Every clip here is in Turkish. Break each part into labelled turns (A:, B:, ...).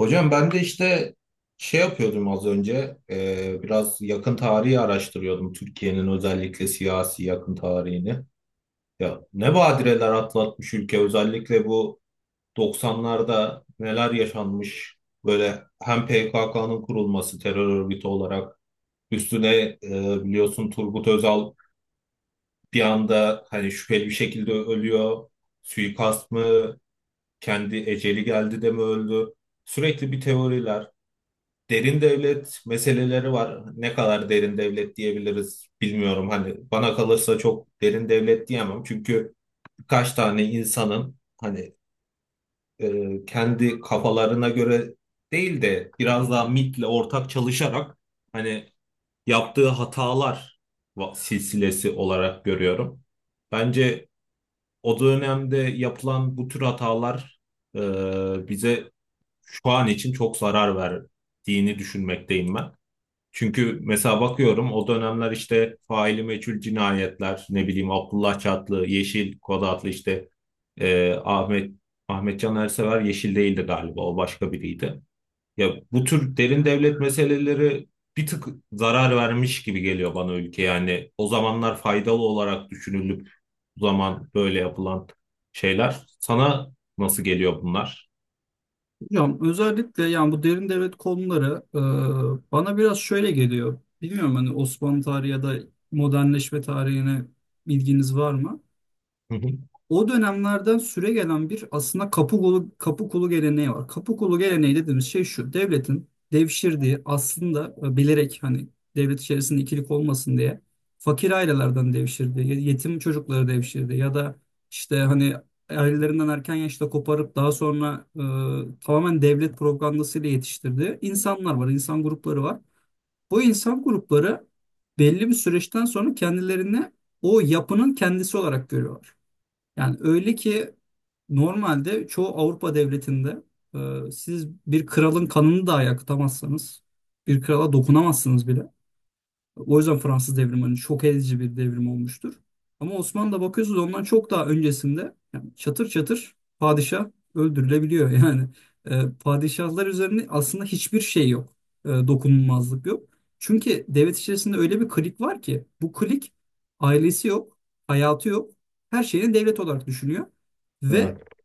A: Hocam ben de işte şey yapıyordum az önce biraz yakın tarihi araştırıyordum Türkiye'nin özellikle siyasi yakın tarihini. Ya ne badireler atlatmış ülke, özellikle bu 90'larda neler yaşanmış, böyle hem PKK'nın kurulması terör örgütü olarak üstüne biliyorsun Turgut Özal bir anda hani şüpheli bir şekilde ölüyor. Suikast mı, kendi eceli geldi de mi öldü? Sürekli bir teoriler. Derin devlet meseleleri var. Ne kadar derin devlet diyebiliriz bilmiyorum. Hani bana kalırsa çok derin devlet diyemem. Çünkü birkaç tane insanın hani kendi kafalarına göre değil de biraz daha MIT'le ortak çalışarak hani yaptığı hatalar silsilesi olarak görüyorum. Bence o dönemde yapılan bu tür hatalar e, bize şu an için çok zarar verdiğini düşünmekteyim ben. Çünkü mesela bakıyorum o dönemler işte faili meçhul cinayetler, ne bileyim Abdullah Çatlı, Yeşil Kod adlı işte e, Ahmet Ahmet Can Ersever. Yeşil değildi galiba, o başka biriydi. Ya bu tür derin devlet meseleleri bir tık zarar vermiş gibi geliyor bana ülke, yani o zamanlar faydalı olarak düşünülüp bu zaman böyle yapılan şeyler sana nasıl geliyor bunlar?
B: Hocam özellikle yani bu derin devlet konuları bana biraz şöyle geliyor. Bilmiyorum hani Osmanlı tarihi ya da modernleşme tarihine bilginiz var mı?
A: Hı hı.
B: O dönemlerden süre gelen bir aslında kapı kulu geleneği var. Kapı kulu geleneği dediğimiz şey şu. Devletin devşirdiği aslında bilerek hani devlet içerisinde ikilik olmasın diye fakir ailelerden devşirdiği, yetim çocukları devşirdiği ya da işte hani ailelerinden erken yaşta koparıp daha sonra tamamen devlet propagandasıyla yetiştirdiği insanlar var, insan grupları var. Bu insan grupları belli bir süreçten sonra kendilerini o yapının kendisi olarak görüyorlar. Yani öyle ki normalde çoğu Avrupa devletinde siz bir kralın kanını dahi akıtamazsanız, bir krala dokunamazsınız bile. O yüzden Fransız devrimi hani şok edici bir devrim olmuştur. Ama Osmanlı'da bakıyorsunuz ondan çok daha öncesinde yani çatır çatır padişah öldürülebiliyor. Yani padişahlar üzerinde aslında hiçbir şey yok. Dokunulmazlık yok. Çünkü devlet içerisinde öyle bir klik var ki bu klik ailesi yok, hayatı yok. Her şeyini devlet olarak düşünüyor. Ve
A: Evet.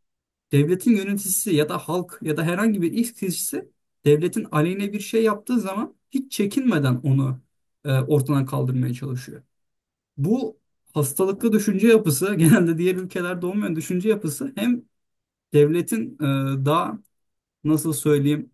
B: devletin yöneticisi ya da halk ya da herhangi bir ilk kişisi devletin aleyhine bir şey yaptığı zaman hiç çekinmeden onu ortadan kaldırmaya çalışıyor. Bu hastalıklı düşünce yapısı genelde diğer ülkelerde olmayan düşünce yapısı hem devletin daha nasıl söyleyeyim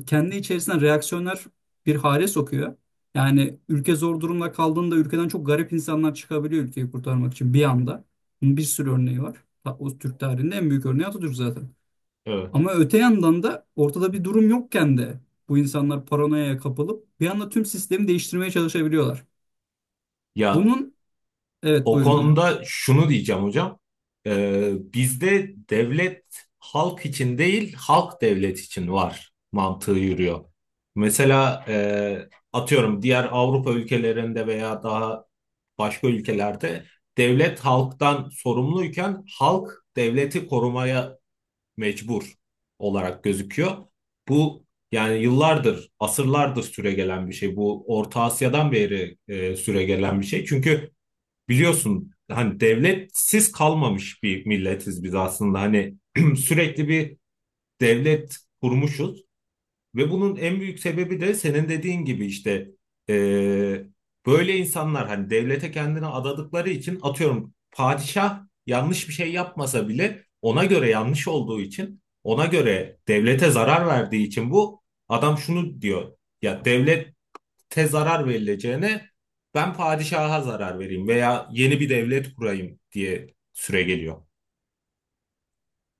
B: kendi içerisinden reaksiyonlar bir hale sokuyor. Yani ülke zor durumda kaldığında ülkeden çok garip insanlar çıkabiliyor ülkeyi kurtarmak için bir anda. Bunun bir sürü örneği var. O Türk tarihinde en büyük örneği Atatürk zaten.
A: Evet.
B: Ama öte yandan da ortada bir durum yokken de bu insanlar paranoyaya kapılıp bir anda tüm sistemi değiştirmeye çalışabiliyorlar.
A: Ya
B: Bunun evet
A: O
B: buyurun hocam.
A: konuda şunu diyeceğim hocam. Bizde devlet halk için değil, halk devlet için var mantığı yürüyor. Mesela atıyorum diğer Avrupa ülkelerinde veya daha başka ülkelerde devlet halktan sorumluyken halk devleti korumaya mecbur olarak gözüküyor. Bu yani yıllardır, asırlardır süregelen bir şey. Bu Orta Asya'dan beri süregelen bir şey. Çünkü biliyorsun hani devletsiz kalmamış bir milletiz biz aslında. Hani sürekli bir devlet kurmuşuz ve bunun en büyük sebebi de senin dediğin gibi işte e, böyle insanlar hani devlete kendini adadıkları için, atıyorum padişah yanlış bir şey yapmasa bile ona göre yanlış olduğu için, ona göre devlete zarar verdiği için bu adam şunu diyor: ya devlet te zarar verileceğine ben padişaha zarar vereyim veya yeni bir devlet kurayım, diye süre geliyor.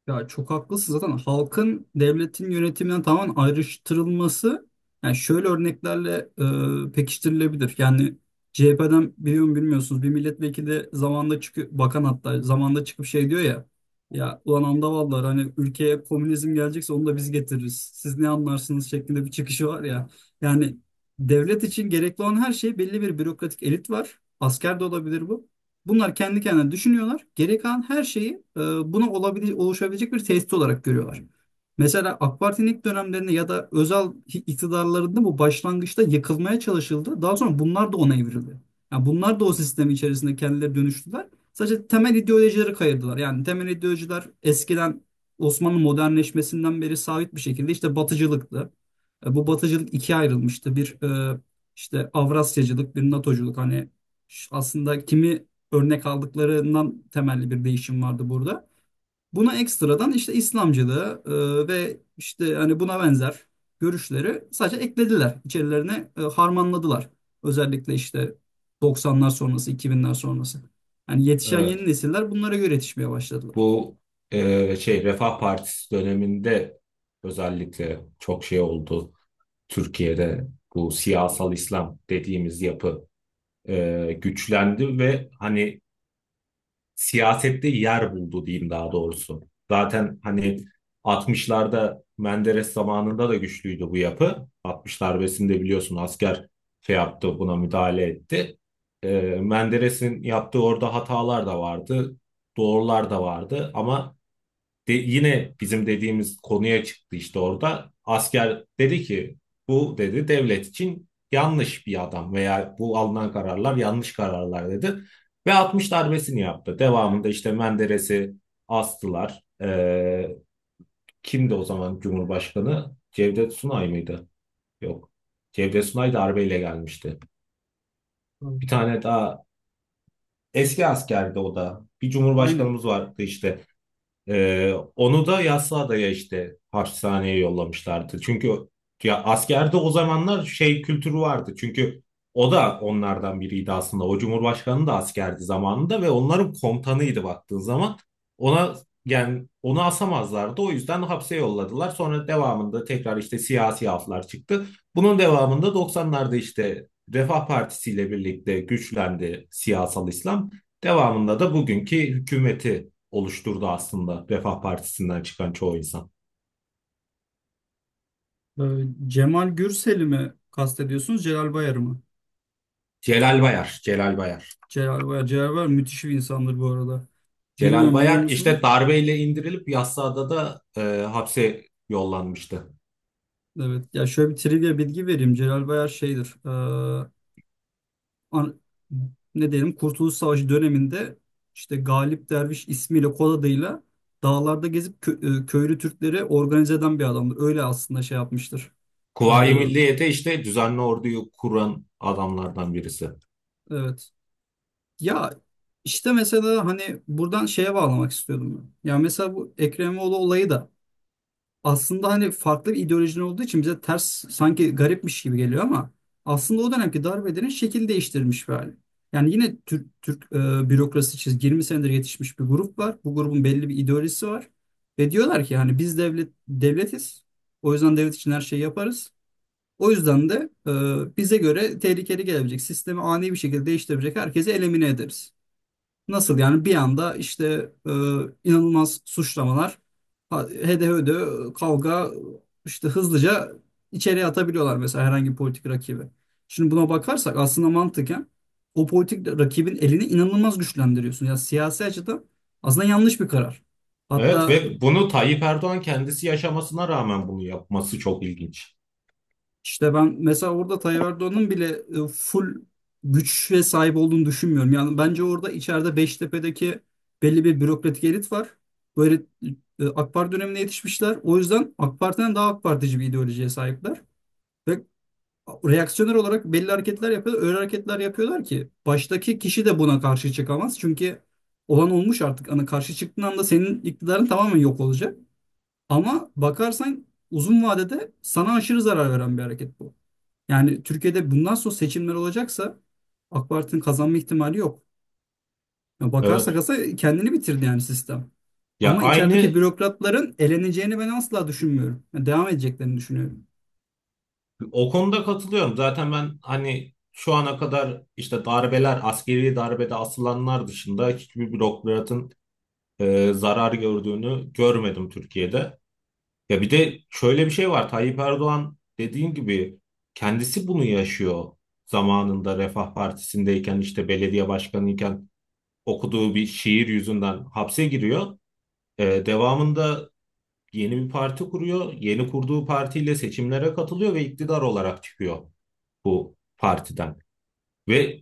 B: Ya çok haklısın zaten halkın devletin yönetiminden tamamen ayrıştırılması yani şöyle örneklerle pekiştirilebilir. Yani CHP'den biliyor mu bilmiyorsunuz bir milletvekili de zamanında çıkıyor bakan hatta zamanında çıkıp şey diyor ya ya ulan andavallar hani ülkeye komünizm gelecekse onu da biz getiririz. Siz ne anlarsınız şeklinde bir çıkışı var ya. Yani devlet için gerekli olan her şey belli bir bürokratik elit var. Asker de olabilir bu. Bunlar kendi kendine düşünüyorlar. Geri kalan her şeyi buna oluşabilecek bir tehdit olarak görüyorlar. Mesela AK Parti'nin ilk dönemlerinde ya da özel iktidarlarında bu başlangıçta yıkılmaya çalışıldı. Daha sonra bunlar da ona evrildi. Yani bunlar da o sistemin içerisinde kendileri dönüştüler. Sadece temel ideolojileri kayırdılar. Yani temel ideolojiler eskiden Osmanlı modernleşmesinden beri sabit bir şekilde işte batıcılıktı. E, bu batıcılık ikiye ayrılmıştı. Bir e, işte Avrasyacılık, bir NATOculuk. Hani aslında kimi örnek aldıklarından temelli bir değişim vardı burada. Buna ekstradan işte İslamcılığı ve işte hani buna benzer görüşleri sadece eklediler. İçerilerine harmanladılar. Özellikle işte 90'lar sonrası, 2000'ler sonrası. Yani yetişen yeni
A: Evet,
B: nesiller bunlara göre yetişmeye başladılar.
A: bu şey Refah Partisi döneminde özellikle çok şey oldu. Türkiye'de bu siyasal İslam dediğimiz yapı güçlendi ve hani siyasette yer buldu, diyeyim daha doğrusu. Zaten hani 60'larda Menderes zamanında da güçlüydü bu yapı. 60 darbesinde biliyorsun asker şey yaptı, buna müdahale etti. Menderes'in yaptığı orada hatalar da vardı, doğrular da vardı, ama yine bizim dediğimiz konuya çıktı işte orada. Asker dedi ki bu dedi devlet için yanlış bir adam veya bu alınan kararlar yanlış kararlar dedi. Ve 60 darbesini yaptı. Devamında işte Menderes'i astılar. Kimdi o zaman Cumhurbaşkanı? Cevdet Sunay mıydı? Yok. Cevdet Sunay darbeyle gelmişti.
B: Hmm.
A: Bir tane daha eski askerdi o da. Bir
B: Aynen.
A: cumhurbaşkanımız vardı işte. Onu da Yassıada'ya işte hapishaneye yollamışlardı. Çünkü ya askerde o zamanlar şey kültürü vardı. Çünkü o da onlardan biriydi aslında. O cumhurbaşkanı da askerdi zamanında ve onların komutanıydı baktığın zaman. Ona yani onu asamazlardı. O yüzden hapse yolladılar. Sonra devamında tekrar işte siyasi aflar çıktı. Bunun devamında 90'larda işte Refah Partisi ile birlikte güçlendi siyasal İslam. Devamında da bugünkü hükümeti oluşturdu aslında Refah Partisi'nden çıkan çoğu insan.
B: Ee, Cemal Gürsel'i mi kastediyorsunuz, Celal Bayar'ı mı?
A: Celal Bayar, Celal Bayar.
B: Celal Bayar, Celal Bayar müthiş bir insandır bu arada.
A: Celal
B: Bilmiyorum biliyor
A: Bayar işte
B: musunuz?
A: darbeyle indirilip Yassıada da hapse yollanmıştı.
B: Evet. Ya şöyle bir trivia bilgi vereyim. Celal Bayar şeydir. An- ne diyelim Kurtuluş Savaşı döneminde işte Galip Derviş ismiyle kod adıyla dağlarda gezip köylü Türkleri organize eden bir adamdır. Öyle aslında şey yapmıştır. E,
A: Kuvayi Milliye'de işte düzenli orduyu kuran adamlardan birisi.
B: evet. Ya işte mesela hani buradan şeye bağlamak istiyordum ben. Ya mesela bu Ekrem İmamoğlu olayı da aslında hani farklı bir ideolojinin olduğu için bize ters sanki garipmiş gibi geliyor ama aslında o dönemki darbedenin şekil değiştirmiş bir hali. Yani yine Türk bürokrasi çizgi 20 senedir yetişmiş bir grup var. Bu grubun belli bir ideolojisi var. Ve diyorlar ki hani biz devlet devletiz. O yüzden devlet için her şeyi yaparız. O yüzden de bize göre tehlikeli gelebilecek, sistemi ani bir şekilde değiştirebilecek herkesi elimine ederiz. Nasıl yani bir anda işte e, inanılmaz suçlamalar, hede hede kavga işte hızlıca içeriye atabiliyorlar mesela herhangi bir politik rakibi. Şimdi buna bakarsak aslında mantıken o politik rakibin elini inanılmaz güçlendiriyorsun. Ya siyasi açıdan aslında yanlış bir karar.
A: Evet,
B: Hatta
A: ve bunu Tayyip Erdoğan kendisi yaşamasına rağmen bunu yapması çok ilginç.
B: İşte ben mesela orada Tayyip Erdoğan'ın bile full güç ve sahip olduğunu düşünmüyorum. Yani bence orada içeride Beştepe'deki belli bir bürokratik elit var. Böyle AK Parti dönemine yetişmişler. O yüzden AK Parti'den daha AK Partici bir ideolojiye sahipler. Ve reaksiyoner olarak belli hareketler yapıyorlar. Öyle hareketler yapıyorlar ki baştaki kişi de buna karşı çıkamaz. Çünkü olan olmuş artık. Hani karşı çıktığın anda senin iktidarın tamamen yok olacak. Ama bakarsan uzun vadede sana aşırı zarar veren bir hareket bu. Yani Türkiye'de bundan sonra seçimler olacaksa AK Parti'nin kazanma ihtimali yok. Ya
A: Evet.
B: bakarsak aslında kendini bitirdi yani sistem.
A: Ya
B: Ama içerideki
A: aynı
B: bürokratların eleneceğini ben asla düşünmüyorum. Yani devam edeceklerini düşünüyorum.
A: o konuda katılıyorum. Zaten ben hani şu ana kadar işte darbeler, askeri darbede asılanlar dışında hiçbir bürokratın zarar gördüğünü görmedim Türkiye'de. Ya bir de şöyle bir şey var. Tayyip Erdoğan dediğin gibi kendisi bunu yaşıyor. Zamanında Refah Partisi'ndeyken işte belediye başkanıyken okuduğu bir şiir yüzünden hapse giriyor. Devamında yeni bir parti kuruyor. Yeni kurduğu partiyle seçimlere katılıyor ve iktidar olarak çıkıyor bu partiden. Ve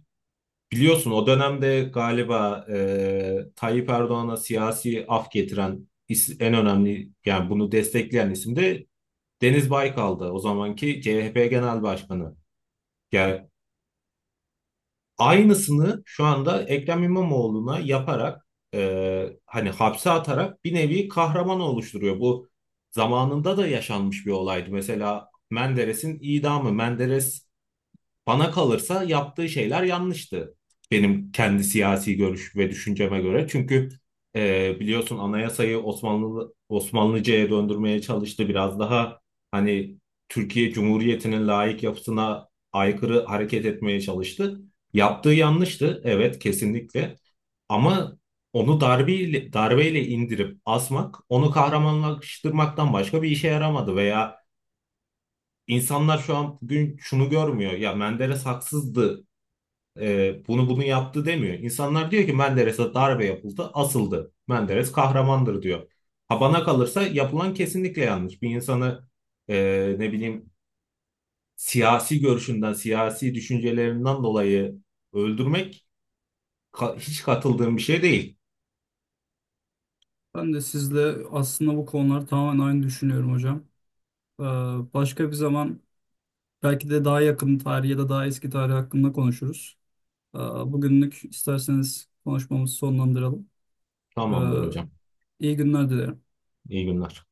A: biliyorsun o dönemde galiba Tayyip Erdoğan'a siyasi af getiren en önemli, yani bunu destekleyen isim de Deniz Baykal'dı, o zamanki CHP Genel Başkanı. Yani aynısını şu anda Ekrem İmamoğlu'na yaparak hani hapse atarak bir nevi kahraman oluşturuyor. Bu zamanında da yaşanmış bir olaydı. Mesela Menderes'in idamı. Menderes, bana kalırsa yaptığı şeyler yanlıştı. Benim kendi siyasi görüş ve düşünceme göre. Çünkü biliyorsun anayasayı Osmanlı Osmanlıca'ya döndürmeye çalıştı. Biraz daha hani Türkiye Cumhuriyeti'nin laik yapısına aykırı hareket etmeye çalıştı. Yaptığı yanlıştı, evet kesinlikle. Ama onu darbeyle, darbeyle indirip asmak, onu kahramanlaştırmaktan başka bir işe yaramadı. Veya İnsanlar şu an bugün şunu görmüyor. Ya Menderes haksızdı, bunu yaptı, demiyor. İnsanlar diyor ki Menderes'e darbe yapıldı, asıldı. Menderes kahramandır, diyor. Ha bana kalırsa yapılan kesinlikle yanlış. Bir insanı ne bileyim siyasi görüşünden, siyasi düşüncelerinden dolayı öldürmek hiç katıldığım bir şey değil.
B: Ben de sizle aslında bu konular tamamen aynı düşünüyorum hocam. Ee, başka bir zaman belki de daha yakın tarih ya da daha eski tarih hakkında konuşuruz. Bugünlük isterseniz konuşmamızı sonlandıralım. Ee,
A: Tamamdır hocam.
B: iyi günler dilerim.
A: İyi günler.